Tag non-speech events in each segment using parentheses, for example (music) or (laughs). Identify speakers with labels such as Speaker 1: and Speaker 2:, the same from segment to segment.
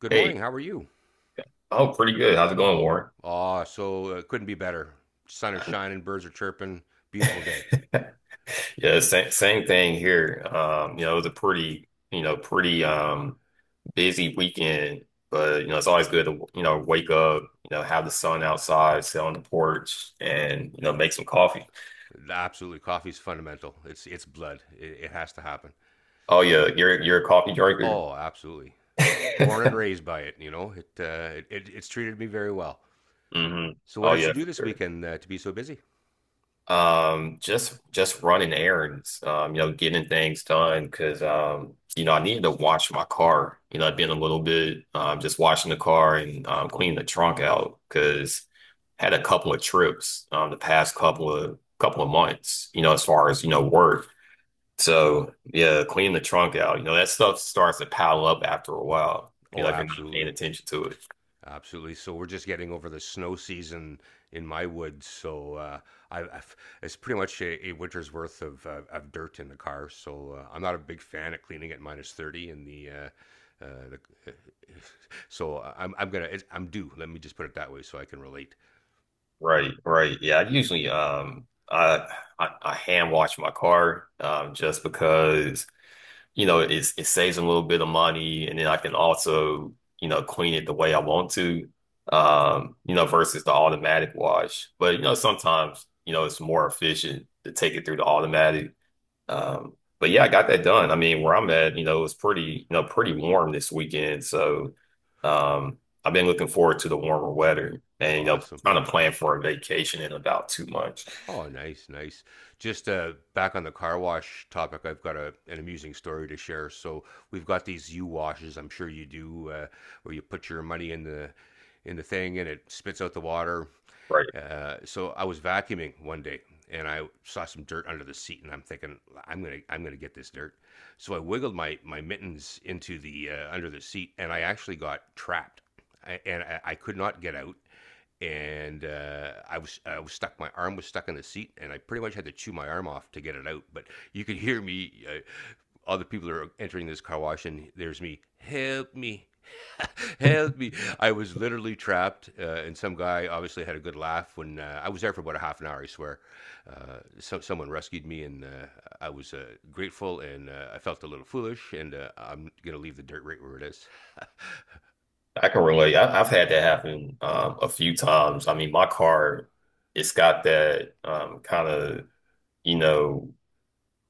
Speaker 1: Good morning.
Speaker 2: Hey,
Speaker 1: How are you?
Speaker 2: oh, pretty good. How's it going, Warren?
Speaker 1: Ah, so it Couldn't be better. Sun is shining, birds are chirping. Beautiful day.
Speaker 2: (laughs) Yeah, same thing here. It was a pretty, you know, pretty busy weekend, but it's always good to, wake up, have the sun outside, sit on the porch, and, make some coffee.
Speaker 1: Absolutely, coffee's fundamental. It's blood. It has to happen.
Speaker 2: Oh yeah, you're a coffee drinker.
Speaker 1: Oh, absolutely. Born and
Speaker 2: (laughs)
Speaker 1: raised by it. It's treated me very well.
Speaker 2: Hmm.
Speaker 1: So, what
Speaker 2: Oh
Speaker 1: did you
Speaker 2: yeah,
Speaker 1: do
Speaker 2: for
Speaker 1: this
Speaker 2: sure.
Speaker 1: weekend to be so busy?
Speaker 2: Just running errands, getting things done, because I needed to wash my car. I've been a little bit just washing the car, and cleaning the trunk out, because had a couple of trips the past couple of months. As far as work. So yeah, cleaning the trunk out. That stuff starts to pile up after a while. You
Speaker 1: Oh,
Speaker 2: know, if you're not paying
Speaker 1: absolutely.
Speaker 2: attention to it.
Speaker 1: Absolutely. So we're just getting over the snow season in my woods. So I, I've, it's pretty much a winter's worth of dirt in the car. So I'm not a big fan of cleaning at minus 30 in uh, the. (laughs) I'm due. Let me just put it that way, so I can relate.
Speaker 2: Right, right. Yeah, I usually I hand wash my car, just because it saves a little bit of money, and then I can also clean it the way I want to versus the automatic wash. But sometimes it's more efficient to take it through the automatic. But yeah, I got that done. I mean, where I'm at, it's pretty warm this weekend. So um, I've been looking forward to the warmer weather, and,
Speaker 1: Awesome.
Speaker 2: trying to plan for a vacation in about 2 months.
Speaker 1: Oh, nice, nice. Just back on the car wash topic, I've got an amusing story to share. So we've got these U washes. I'm sure you do, where you put your money in the thing, and it spits out the water.
Speaker 2: Right.
Speaker 1: So I was vacuuming one day and I saw some dirt under the seat, and I'm thinking, I'm gonna get this dirt. So I wiggled my mittens into the under the seat, and I actually got trapped. I could not get out, and I was stuck. My arm was stuck in the seat, and I pretty much had to chew my arm off to get it out. But you could hear me. Other people are entering this car wash, and there's me. Help me. (laughs) Help me! I was literally trapped, and some guy obviously had a good laugh when I was there for about a half an hour. I swear, someone rescued me, and I was grateful, and I felt a little foolish. And I'm gonna leave the dirt right where it is.
Speaker 2: I can relate. I've had that happen a few times. I mean, my car, it's got that, kind of, you know,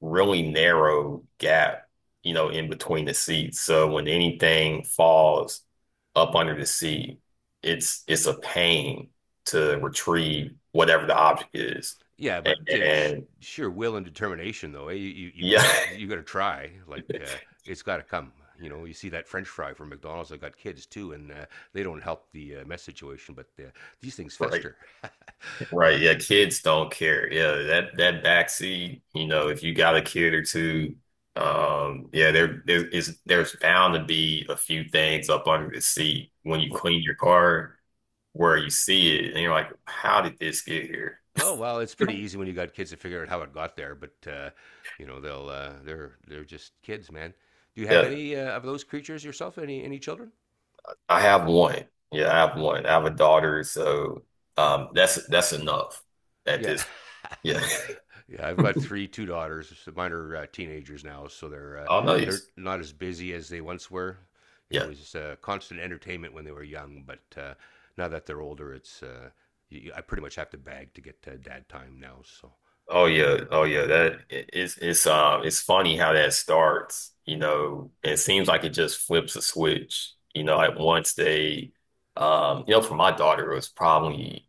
Speaker 2: really narrow gap, in between the seats. So when anything falls up under the seat, it's a pain to retrieve whatever the object is.
Speaker 1: Yeah,
Speaker 2: And,
Speaker 1: but
Speaker 2: and
Speaker 1: sheer will and determination, though. Eh? You, you, you've got
Speaker 2: yeah.
Speaker 1: to you got to try. Like it's got to come. You know, you see that French fry from McDonald's. I got kids too, and they don't help the mess situation. But these things
Speaker 2: (laughs) Right.
Speaker 1: fester. (laughs)
Speaker 2: Right, yeah, kids don't care. Yeah, that backseat, if you got a kid or two, yeah, there's bound to be a few things up under the seat when you
Speaker 1: oh,
Speaker 2: clean your car, where you see it and you're like, how did this get here?
Speaker 1: oh well, it's pretty easy when you got kids to figure out how it got there. But you know, they're just kids, man. Do you have
Speaker 2: Yeah,
Speaker 1: any of those creatures yourself? Any children?
Speaker 2: I have one. Yeah, I have one. I have a daughter, so that's enough at
Speaker 1: Yeah.
Speaker 2: this.
Speaker 1: (laughs)
Speaker 2: Yeah.
Speaker 1: Yeah, I've got
Speaker 2: (laughs)
Speaker 1: three, two daughters. So mine are teenagers now, so
Speaker 2: I'll know you.
Speaker 1: they're not as busy as they once were. It
Speaker 2: Yeah.
Speaker 1: was constant entertainment when they were young, but now that they're older, it's y y I pretty much have to beg to get dad time now. So
Speaker 2: Oh yeah, oh yeah. That it- it's funny how that starts. It seems like it just flips a switch. Like once they, for my daughter, it was probably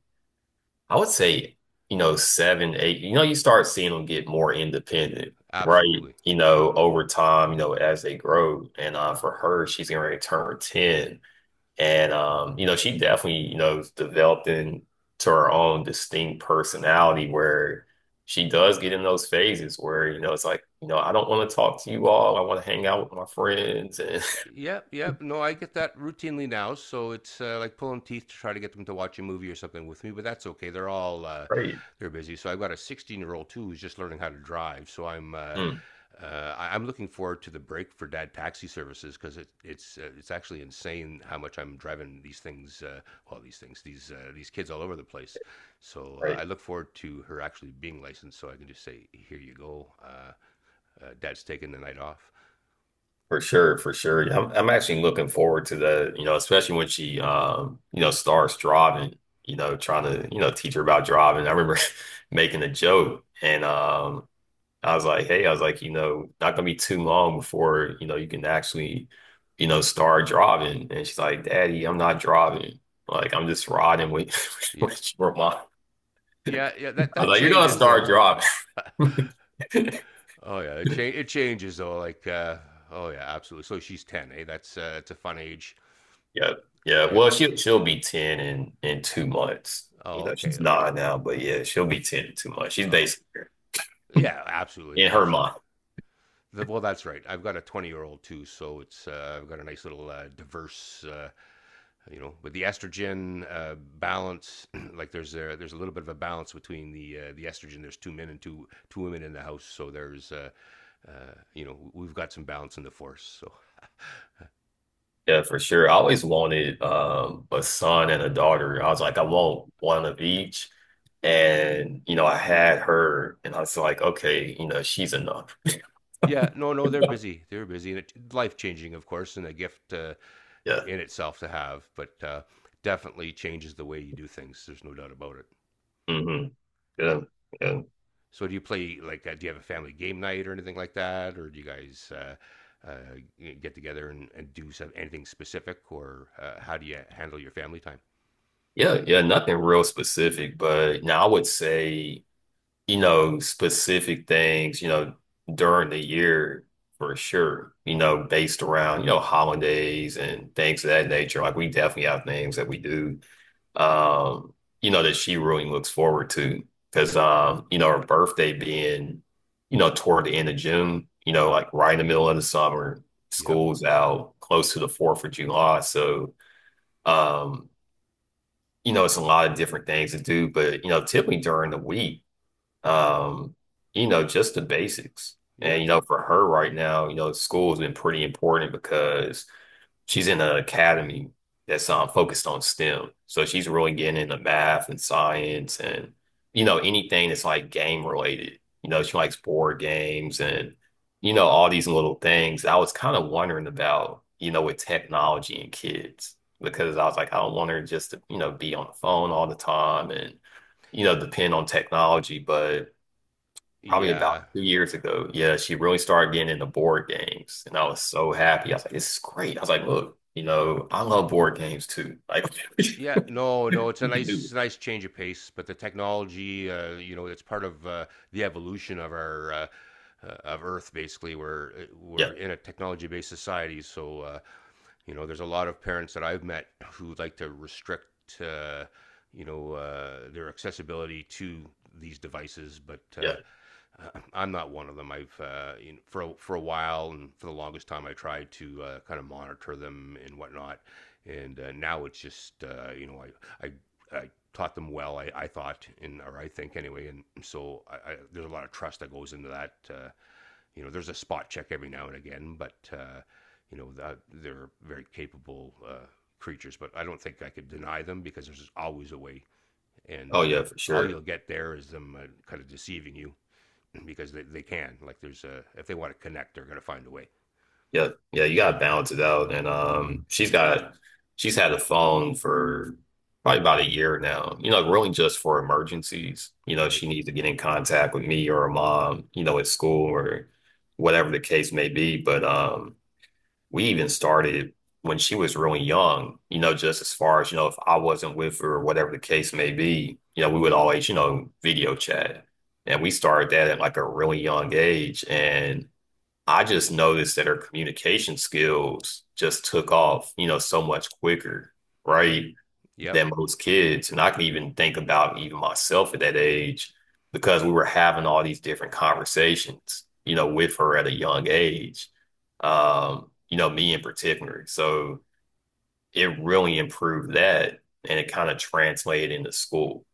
Speaker 2: I would say seven, eight. You start seeing them get more independent, right?
Speaker 1: absolutely.
Speaker 2: Over time, as they grow. And for her, she's gonna return 10. And she definitely, developed into her own distinct personality, where she does get in those phases where, it's like, I don't want to talk to you all. I want to hang out with my friends, and
Speaker 1: Yep, yep. No, I get that routinely now, so it's like pulling teeth to try to get them to watch a movie or something with me, but that's okay. They're all
Speaker 2: (laughs) right.
Speaker 1: they're busy. So I've got a 16-year-old too who's just learning how to drive. So
Speaker 2: Mm,
Speaker 1: I'm looking forward to the break for dad taxi services because it's actually insane how much I'm driving these things, well, these kids all over the place. So
Speaker 2: right.
Speaker 1: I look forward to her actually being licensed, so I can just say, "Here you go, Dad's taking the night off."
Speaker 2: For sure, for sure. Yeah, I'm actually looking forward to the, especially when she starts driving, trying to, teach her about driving. I remember (laughs) making a joke, and I was like, hey, I was like, not gonna be too long before, you can actually, start driving. And she's like, "Daddy, I'm not driving. Like, I'm just riding with, (laughs)
Speaker 1: Yeah.
Speaker 2: with your mom."
Speaker 1: Yeah, yeah, that
Speaker 2: I was
Speaker 1: that
Speaker 2: like, "You're gonna
Speaker 1: changes
Speaker 2: start
Speaker 1: though.
Speaker 2: driving." (laughs)
Speaker 1: Oh yeah, it changes though. Like, oh yeah, absolutely. So she's ten, eh? That's it's a fun age.
Speaker 2: Yeah. Yeah.
Speaker 1: Yeah.
Speaker 2: Well, she'll be 10 in 2 months. You
Speaker 1: Oh,
Speaker 2: know,
Speaker 1: okay,
Speaker 2: she's
Speaker 1: okay.
Speaker 2: nine now, but yeah, she'll be 10 in 2 months. She's
Speaker 1: Oh,
Speaker 2: basically
Speaker 1: yeah, absolutely,
Speaker 2: in her
Speaker 1: absolutely.
Speaker 2: mind.
Speaker 1: Well, that's right. I've got a 20-year-old too, so it's I've got a nice little diverse, you know, with the estrogen balance. (clears throat) Like, there's a little bit of a balance between the estrogen. There's two men and two women in the house, so there's. You know, we've got some balance in the force. So
Speaker 2: Yeah, for sure. I always wanted a son and a daughter. I was like, I want one of each. And I had her, and I was like, okay, she's enough.
Speaker 1: yeah, no, no, they're busy. They're busy, and it life changing, of course, and a gift
Speaker 2: Yeah.
Speaker 1: in itself to have. But definitely changes the way you do things. There's no doubt about it.
Speaker 2: Hmm. Yeah. Yeah.
Speaker 1: So, do you play like? Do you have a family game night or anything like that, or do you guys uh, get together and do some, anything specific, or how do you handle your family time?
Speaker 2: Yeah. Yeah. Nothing real specific, but now I would say, specific things, during the year for sure, based around, holidays and things of that nature. Like we definitely have things that we do um, that she really looks forward to. Because, her birthday being, toward the end of June, like right in the middle of the summer,
Speaker 1: Yep.
Speaker 2: school's out close to the 4th of July. So, um, it's a lot of different things to do. But, typically during the week, um, just the basics.
Speaker 1: Yeah.
Speaker 2: And, for her right now, school's been pretty important, because she's in an academy that's focused on STEM. So she's really getting into math and science, and, anything that's like game related. She likes board games, and, all these little things. I was kind of wondering about, with technology and kids, because I was like, I don't want her just to, be on the phone all the time, and, depend on technology. But probably about
Speaker 1: Yeah.
Speaker 2: 2 years ago. Yeah, she really started getting into board games, and I was so happy. I was like, "This is great." I was like, "Look, I love board games too. Like, (laughs) you
Speaker 1: Yeah, no,
Speaker 2: can
Speaker 1: no, it's a
Speaker 2: do
Speaker 1: nice,
Speaker 2: it."
Speaker 1: nice change of pace. But the technology, you know, it's part of the evolution of our of Earth. Basically,
Speaker 2: Yeah,
Speaker 1: we're in a technology-based society, so you know, there's a lot of parents that I've met who like to restrict, you know, their accessibility to these devices, but
Speaker 2: yeah.
Speaker 1: (clears throat) I'm not one of them. I've You know, for a while and for the longest time I tried to kind of monitor them and whatnot, and now it's just you know, I taught them well. I thought and or I think anyway, and so there's a lot of trust that goes into that. You know, there's a spot check every now and again, but you know, they're very capable creatures. But I don't think I could deny them because there's always a way, and
Speaker 2: Oh yeah, for
Speaker 1: all you'll
Speaker 2: sure.
Speaker 1: get there is them kind of deceiving you because they can. Like there's a if they want to connect, they're gonna find a way.
Speaker 2: Yeah, yeah. You gotta balance it out, and she's had a phone for probably about a year now. Really just for emergencies. You know,
Speaker 1: Right.
Speaker 2: she needs to get in contact with me or her mom, at school or whatever the case may be, but. We even started when she was really young, just as far as, if I wasn't with her or whatever the case may be, we would always, video chat. And we started that at like a really young age. And I just noticed that her communication skills just took off, so much quicker, right?
Speaker 1: Yep.
Speaker 2: Than most kids. And I can even think about even myself at that age, because we were having all these different conversations, with her at a young age, me in particular. So it really improved that, and it kind of translated into school,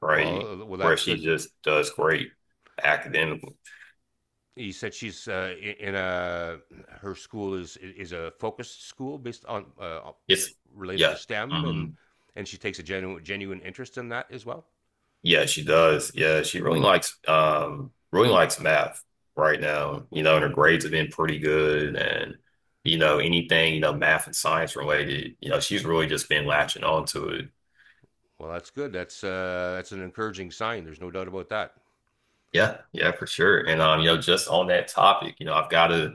Speaker 2: right?
Speaker 1: Well, well,
Speaker 2: Where
Speaker 1: that's
Speaker 2: she
Speaker 1: good.
Speaker 2: just does great academically.
Speaker 1: He said she's in a her school is a focused school based on
Speaker 2: It's,
Speaker 1: related
Speaker 2: yeah.
Speaker 1: to STEM, and
Speaker 2: Mm-hmm.
Speaker 1: she takes a genuine interest in that as well.
Speaker 2: Yeah, she does. Yeah, she really likes math right now. And her grades have been pretty good, and anything, math and science related, she's really just been latching on to it.
Speaker 1: Well, that's good. That's an encouraging sign. There's no doubt about that.
Speaker 2: Yeah, yeah, for sure. And just on that topic, I've gotta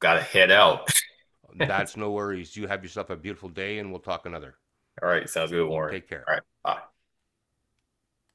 Speaker 2: gotta head out. (laughs) All
Speaker 1: That's no worries. You have yourself a beautiful day, and we'll talk another.
Speaker 2: right, sounds good, Warren.
Speaker 1: Take care.
Speaker 2: All right, bye.